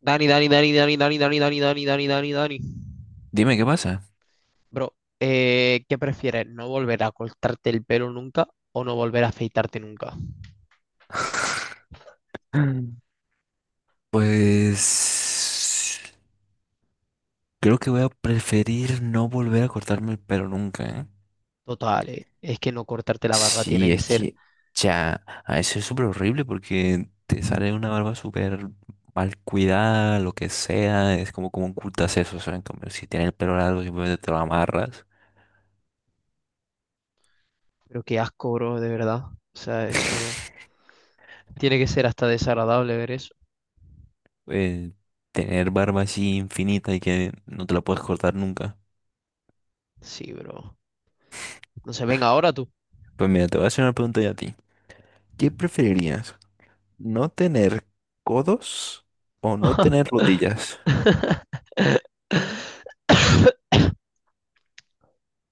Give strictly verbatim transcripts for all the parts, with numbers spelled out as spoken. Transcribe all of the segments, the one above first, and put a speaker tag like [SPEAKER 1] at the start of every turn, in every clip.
[SPEAKER 1] Dani, Dani, Dani, Dani, Dani, Dani, Dani, Dani, Dani, Dani, Dani.
[SPEAKER 2] Dime qué pasa.
[SPEAKER 1] Bro, eh, ¿qué prefieres? ¿No volver a cortarte el pelo nunca o no volver a afeitarte nunca?
[SPEAKER 2] Pues creo que voy a preferir no volver a cortarme el pelo nunca, ¿eh?
[SPEAKER 1] Total, eh, es que no cortarte la barba tiene
[SPEAKER 2] Sí,
[SPEAKER 1] que
[SPEAKER 2] es
[SPEAKER 1] ser,
[SPEAKER 2] que ya, a veces es súper horrible porque te sale una barba súper mal cuidada, lo que sea, es como como ocultas eso, o sea, en cambio, si tienes el pelo largo simplemente te lo amarras.
[SPEAKER 1] pero qué asco, bro, de verdad. O sea, eso tiene que ser hasta desagradable ver eso.
[SPEAKER 2] Eh, Tener barba así infinita y que no te la puedes cortar nunca.
[SPEAKER 1] Sí, bro. No se venga ahora tú.
[SPEAKER 2] Pues mira, te voy a hacer una pregunta ya a ti. ¿Qué preferirías? ¿No tener codos o no tener rodillas?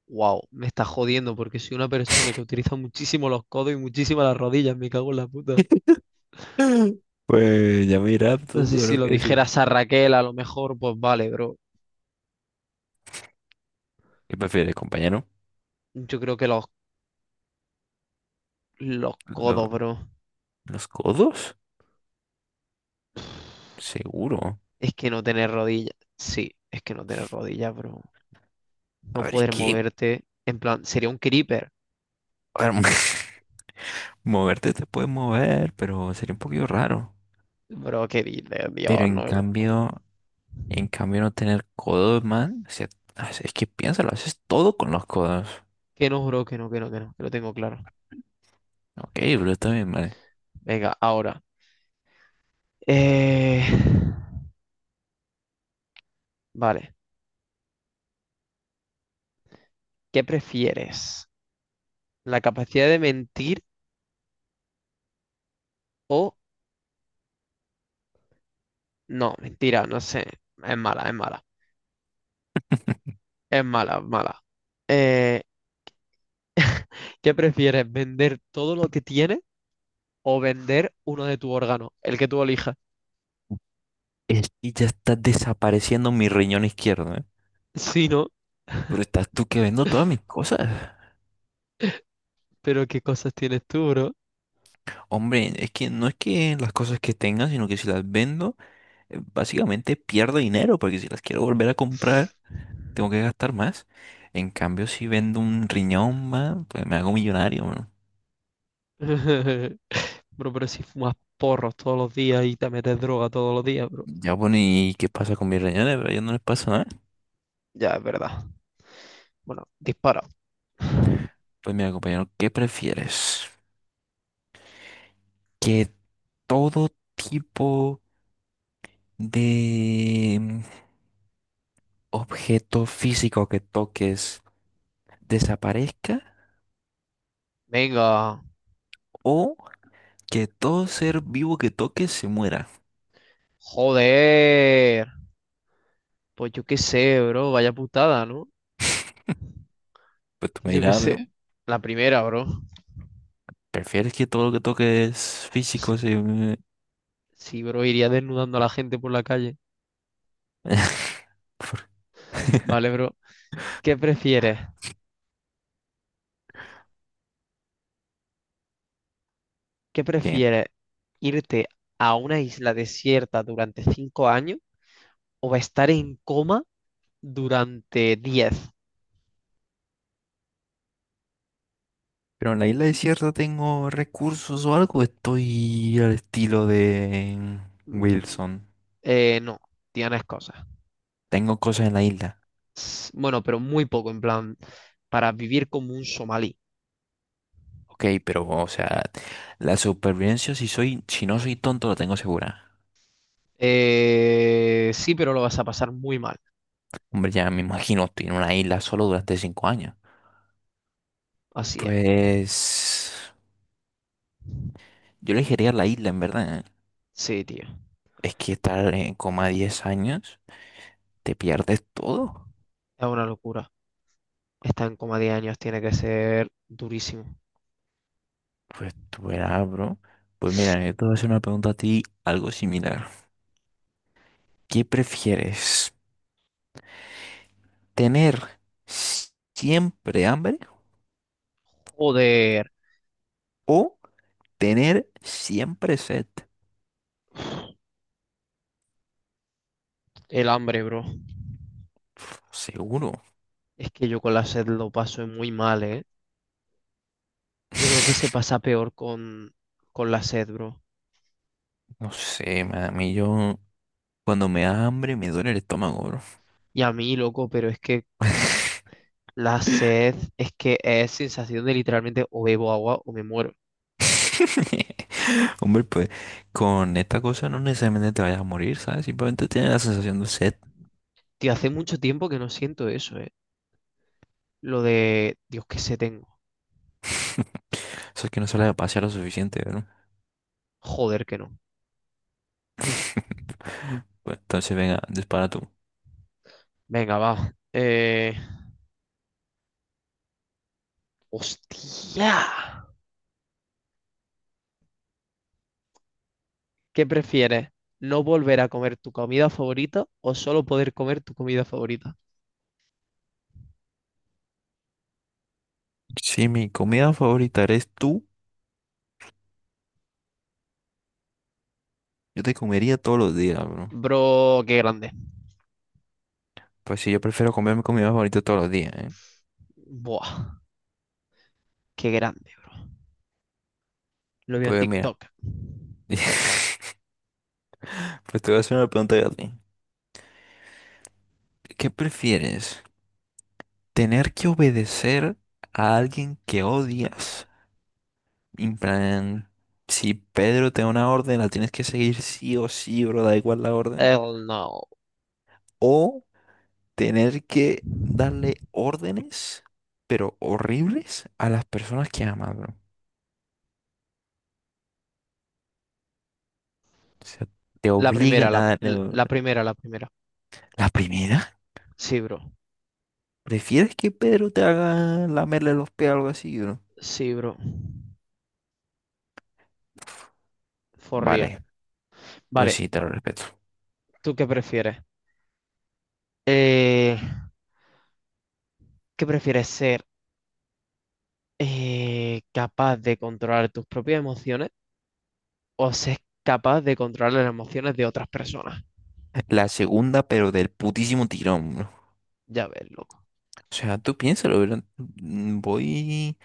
[SPEAKER 1] Wow, me está jodiendo porque soy una persona que utiliza muchísimo los codos y muchísimo las rodillas, me cago en la puta.
[SPEAKER 2] Pues ya mira tú
[SPEAKER 1] Entonces, si
[SPEAKER 2] lo
[SPEAKER 1] lo
[SPEAKER 2] que decir.
[SPEAKER 1] dijeras a Raquel, a lo mejor, pues vale, bro.
[SPEAKER 2] ¿Qué prefieres, compañero?
[SPEAKER 1] Yo creo que los Los
[SPEAKER 2] ¿Lo-
[SPEAKER 1] codos, bro.
[SPEAKER 2] ¿Los codos? Seguro.
[SPEAKER 1] Es que no tener rodillas. Sí, es que no tener rodillas, bro.
[SPEAKER 2] A
[SPEAKER 1] No
[SPEAKER 2] ver, es
[SPEAKER 1] poder
[SPEAKER 2] que
[SPEAKER 1] moverte. En plan, sería un creeper.
[SPEAKER 2] a ver, moverte te puedes mover, pero sería un poquito raro.
[SPEAKER 1] Bro, qué dices,
[SPEAKER 2] Pero
[SPEAKER 1] Dios,
[SPEAKER 2] en
[SPEAKER 1] no.
[SPEAKER 2] cambio, en cambio no tener codos, man. O sea, es es que piénsalo, haces todo con los codos.
[SPEAKER 1] Que no, bro, que no, que no, que no. Que lo tengo claro.
[SPEAKER 2] Ok, pero está bien, man.
[SPEAKER 1] Venga, ahora. Eh, Vale. ¿Qué prefieres? ¿La capacidad de mentir o... No, mentira, no sé. Es mala, es mala. Es mala, es mala. Eh, ¿qué prefieres? ¿Vender todo lo que tienes o vender uno de tu órgano? El que tú elijas.
[SPEAKER 2] Es que ya está desapareciendo mi riñón izquierdo, ¿eh?
[SPEAKER 1] Sí, ¿no?
[SPEAKER 2] Pero estás tú que vendo todas mis cosas.
[SPEAKER 1] Pero qué cosas tienes tú, bro.
[SPEAKER 2] Hombre, es que no es que las cosas que tenga, sino que si las vendo, eh, básicamente pierdo dinero, porque si las quiero volver a comprar, tengo que gastar más. En cambio, si vendo un riñón más, pues me hago millonario, mano.
[SPEAKER 1] Bro, pero si fumas porros todos los días y te metes droga todos los días, bro.
[SPEAKER 2] Ya bueno, ¿y qué pasa con mis riñones? Pero a ellos no les pasa nada.
[SPEAKER 1] Ya, es verdad. Bueno, dispara.
[SPEAKER 2] Pues mira, compañero, ¿qué prefieres? Que todo tipo de mm, objeto físico que toques desaparezca
[SPEAKER 1] Venga,
[SPEAKER 2] o que todo ser vivo que toques se muera.
[SPEAKER 1] joder. Pues yo qué sé, bro. Vaya putada, ¿no?
[SPEAKER 2] Pues tú me
[SPEAKER 1] Yo qué
[SPEAKER 2] dirás: "Ah,
[SPEAKER 1] sé.
[SPEAKER 2] bro,
[SPEAKER 1] La primera, bro.
[SPEAKER 2] ¿prefieres que todo lo que toques
[SPEAKER 1] Sí,
[SPEAKER 2] físico se... mue-?"
[SPEAKER 1] sí, bro, iría desnudando a la gente por la calle.
[SPEAKER 2] ¿Por
[SPEAKER 1] Vale, bro. ¿Qué prefieres? ¿Qué
[SPEAKER 2] qué?
[SPEAKER 1] prefieres? ¿Irte a una isla desierta durante cinco años o estar en coma durante diez?
[SPEAKER 2] Pero en la isla desierta tengo recursos o algo. Estoy al estilo de
[SPEAKER 1] Mm,
[SPEAKER 2] Wilson.
[SPEAKER 1] eh, no, tienes cosas.
[SPEAKER 2] Tengo cosas en la isla.
[SPEAKER 1] S- Bueno, pero muy poco, en plan, para vivir como un somalí.
[SPEAKER 2] Ok, pero, o sea, la supervivencia, si soy, si no soy tonto, la tengo segura.
[SPEAKER 1] Eh, sí, pero lo vas a pasar muy mal.
[SPEAKER 2] Hombre, ya me imagino, estoy en una isla solo durante cinco años.
[SPEAKER 1] Así es.
[SPEAKER 2] Pues yo elegiría la isla, en verdad.
[SPEAKER 1] Sí, tío.
[SPEAKER 2] Es que estar en coma diez años, te pierdes todo.
[SPEAKER 1] Es una locura. Estar en coma diez años tiene que ser durísimo.
[SPEAKER 2] Pues tú verás, bro. Pues mira, yo te voy a hacer una pregunta a ti, algo similar. ¿Qué prefieres? ¿Tener s- siempre hambre
[SPEAKER 1] Joder,
[SPEAKER 2] o tener siempre sed?
[SPEAKER 1] el hambre, bro.
[SPEAKER 2] Seguro.
[SPEAKER 1] Es que yo con la sed lo paso muy mal, ¿eh? Yo creo que se pasa peor con, con la sed, bro.
[SPEAKER 2] No sé, man, a mí yo cuando me da hambre me duele el estómago, bro.
[SPEAKER 1] Y a mí, loco, pero es que la sed es que es sensación de literalmente o bebo agua o me muero.
[SPEAKER 2] Hombre, pues con esta cosa no necesariamente te vayas a morir, ¿sabes? Simplemente tienes la sensación de sed.
[SPEAKER 1] Tío, hace mucho tiempo que no siento eso, eh. Lo de, Dios, que se tengo.
[SPEAKER 2] Eso es que no sale a pasear lo suficiente, ¿no?
[SPEAKER 1] Joder, que no.
[SPEAKER 2] Bueno, entonces venga, dispara tú.
[SPEAKER 1] Venga, va. Eh... ¡Hostia! ¿Qué prefieres? ¿No volver a comer tu comida favorita o solo poder comer tu comida favorita?
[SPEAKER 2] Si mi comida favorita eres tú, yo te comería todos los días, bro.
[SPEAKER 1] Bro, qué grande.
[SPEAKER 2] Pues sí, yo prefiero comer mi comida favorita todos los días, ¿eh?
[SPEAKER 1] Buah, qué grande, bro. Lo vi en
[SPEAKER 2] Pues mira,
[SPEAKER 1] TikTok.
[SPEAKER 2] pues te voy a hacer una pregunta yo a ti. ¿Qué prefieres? ¿Tener que obedecer a alguien que odias? En plan, si Pedro te da una orden, la tienes que seguir sí o sí, bro, da igual la orden.
[SPEAKER 1] Hell no.
[SPEAKER 2] O tener que darle órdenes, pero horribles, a las personas que amas, bro. O sea, te
[SPEAKER 1] La
[SPEAKER 2] obligan
[SPEAKER 1] primera,
[SPEAKER 2] a
[SPEAKER 1] la,
[SPEAKER 2] darle... or-
[SPEAKER 1] la primera, la primera.
[SPEAKER 2] La primera,
[SPEAKER 1] Sí, bro.
[SPEAKER 2] ¿prefieres que Pedro te haga lamerle los pies o algo así, bro?
[SPEAKER 1] Sí, bro. For real.
[SPEAKER 2] Vale, pues
[SPEAKER 1] Vale,
[SPEAKER 2] sí, te lo respeto.
[SPEAKER 1] ¿tú qué prefieres? Eh, ¿qué prefieres ser eh, capaz de controlar tus propias emociones o ser capaz de controlar las emociones de otras personas?
[SPEAKER 2] La segunda, pero del putísimo tirón, bro.
[SPEAKER 1] Ya ves, loco.
[SPEAKER 2] O sea, tú piénsalo, bro. Mm, Voy,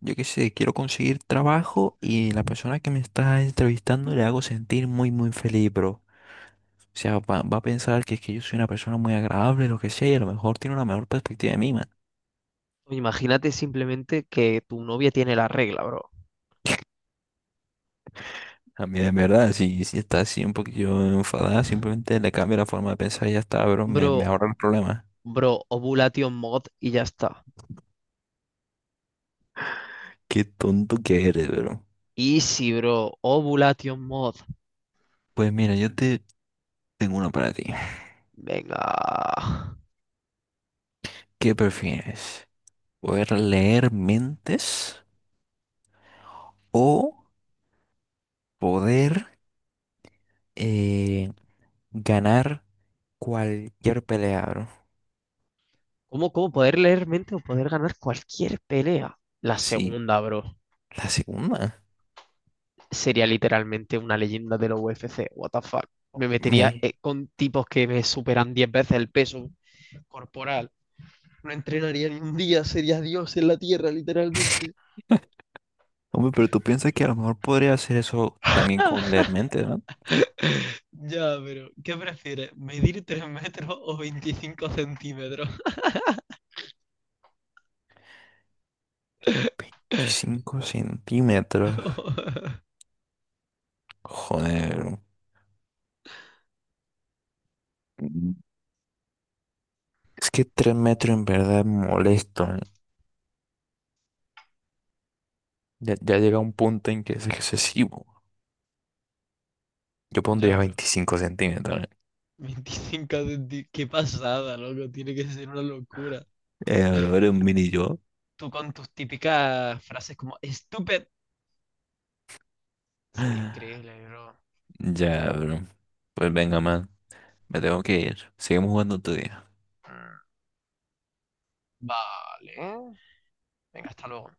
[SPEAKER 2] yo qué sé, quiero conseguir trabajo y la persona que me está entrevistando le hago sentir muy, muy feliz, bro. O sea, va, va a pensar que es que yo soy una persona muy agradable, lo que sea, y a lo mejor tiene una mejor perspectiva de mí, man.
[SPEAKER 1] Imagínate simplemente que tu novia tiene la regla, bro.
[SPEAKER 2] A mí, de verdad, si, si está así un poquillo enfadada, simplemente le cambio la forma de pensar y ya está, bro. Me,
[SPEAKER 1] Bro,
[SPEAKER 2] me ahorra el problema.
[SPEAKER 1] bro, ovulation mod y ya está.
[SPEAKER 2] Qué tonto que eres, bro.
[SPEAKER 1] Easy, bro. Ovulation mod.
[SPEAKER 2] Pues mira, yo te tengo una para ti.
[SPEAKER 1] Venga.
[SPEAKER 2] ¿Qué prefieres? ¿Poder leer mentes o poder eh, ganar cualquier pelea, bro?
[SPEAKER 1] ¿Cómo, cómo poder leer mente o poder ganar cualquier pelea? La
[SPEAKER 2] Sí,
[SPEAKER 1] segunda, bro,
[SPEAKER 2] la segunda.
[SPEAKER 1] sería literalmente una leyenda de la U F C. What the fuck. Me metería
[SPEAKER 2] Me...
[SPEAKER 1] eh, con tipos que me superan diez veces el peso corporal. No entrenaría ni un día, sería Dios en la tierra, literalmente.
[SPEAKER 2] Hombre, pero tú piensas que a lo mejor podría hacer eso también con leer mente, ¿no?
[SPEAKER 1] Ya, pero ¿qué prefieres? ¿Medir tres metros o veinticinco centímetros?
[SPEAKER 2] ¿cinco centímetros? Joder. Mm. Es que tres metros en verdad es molesto, ¿eh? Ya, ya llega un punto en que es excesivo. Yo
[SPEAKER 1] Ya,
[SPEAKER 2] pondría
[SPEAKER 1] bro.
[SPEAKER 2] veinticinco centímetros, ¿eh?
[SPEAKER 1] Veinticinco centímetros. Qué pasada, loco. Tiene que ser una locura.
[SPEAKER 2] Eh, bro, eres un mini yo.
[SPEAKER 1] Tú con tus típicas frases como stupid, sería increíble, bro.
[SPEAKER 2] Ya, bro. Pues venga, man. Me tengo que ir. Seguimos jugando tú.
[SPEAKER 1] Mm, vale. Venga, hasta luego.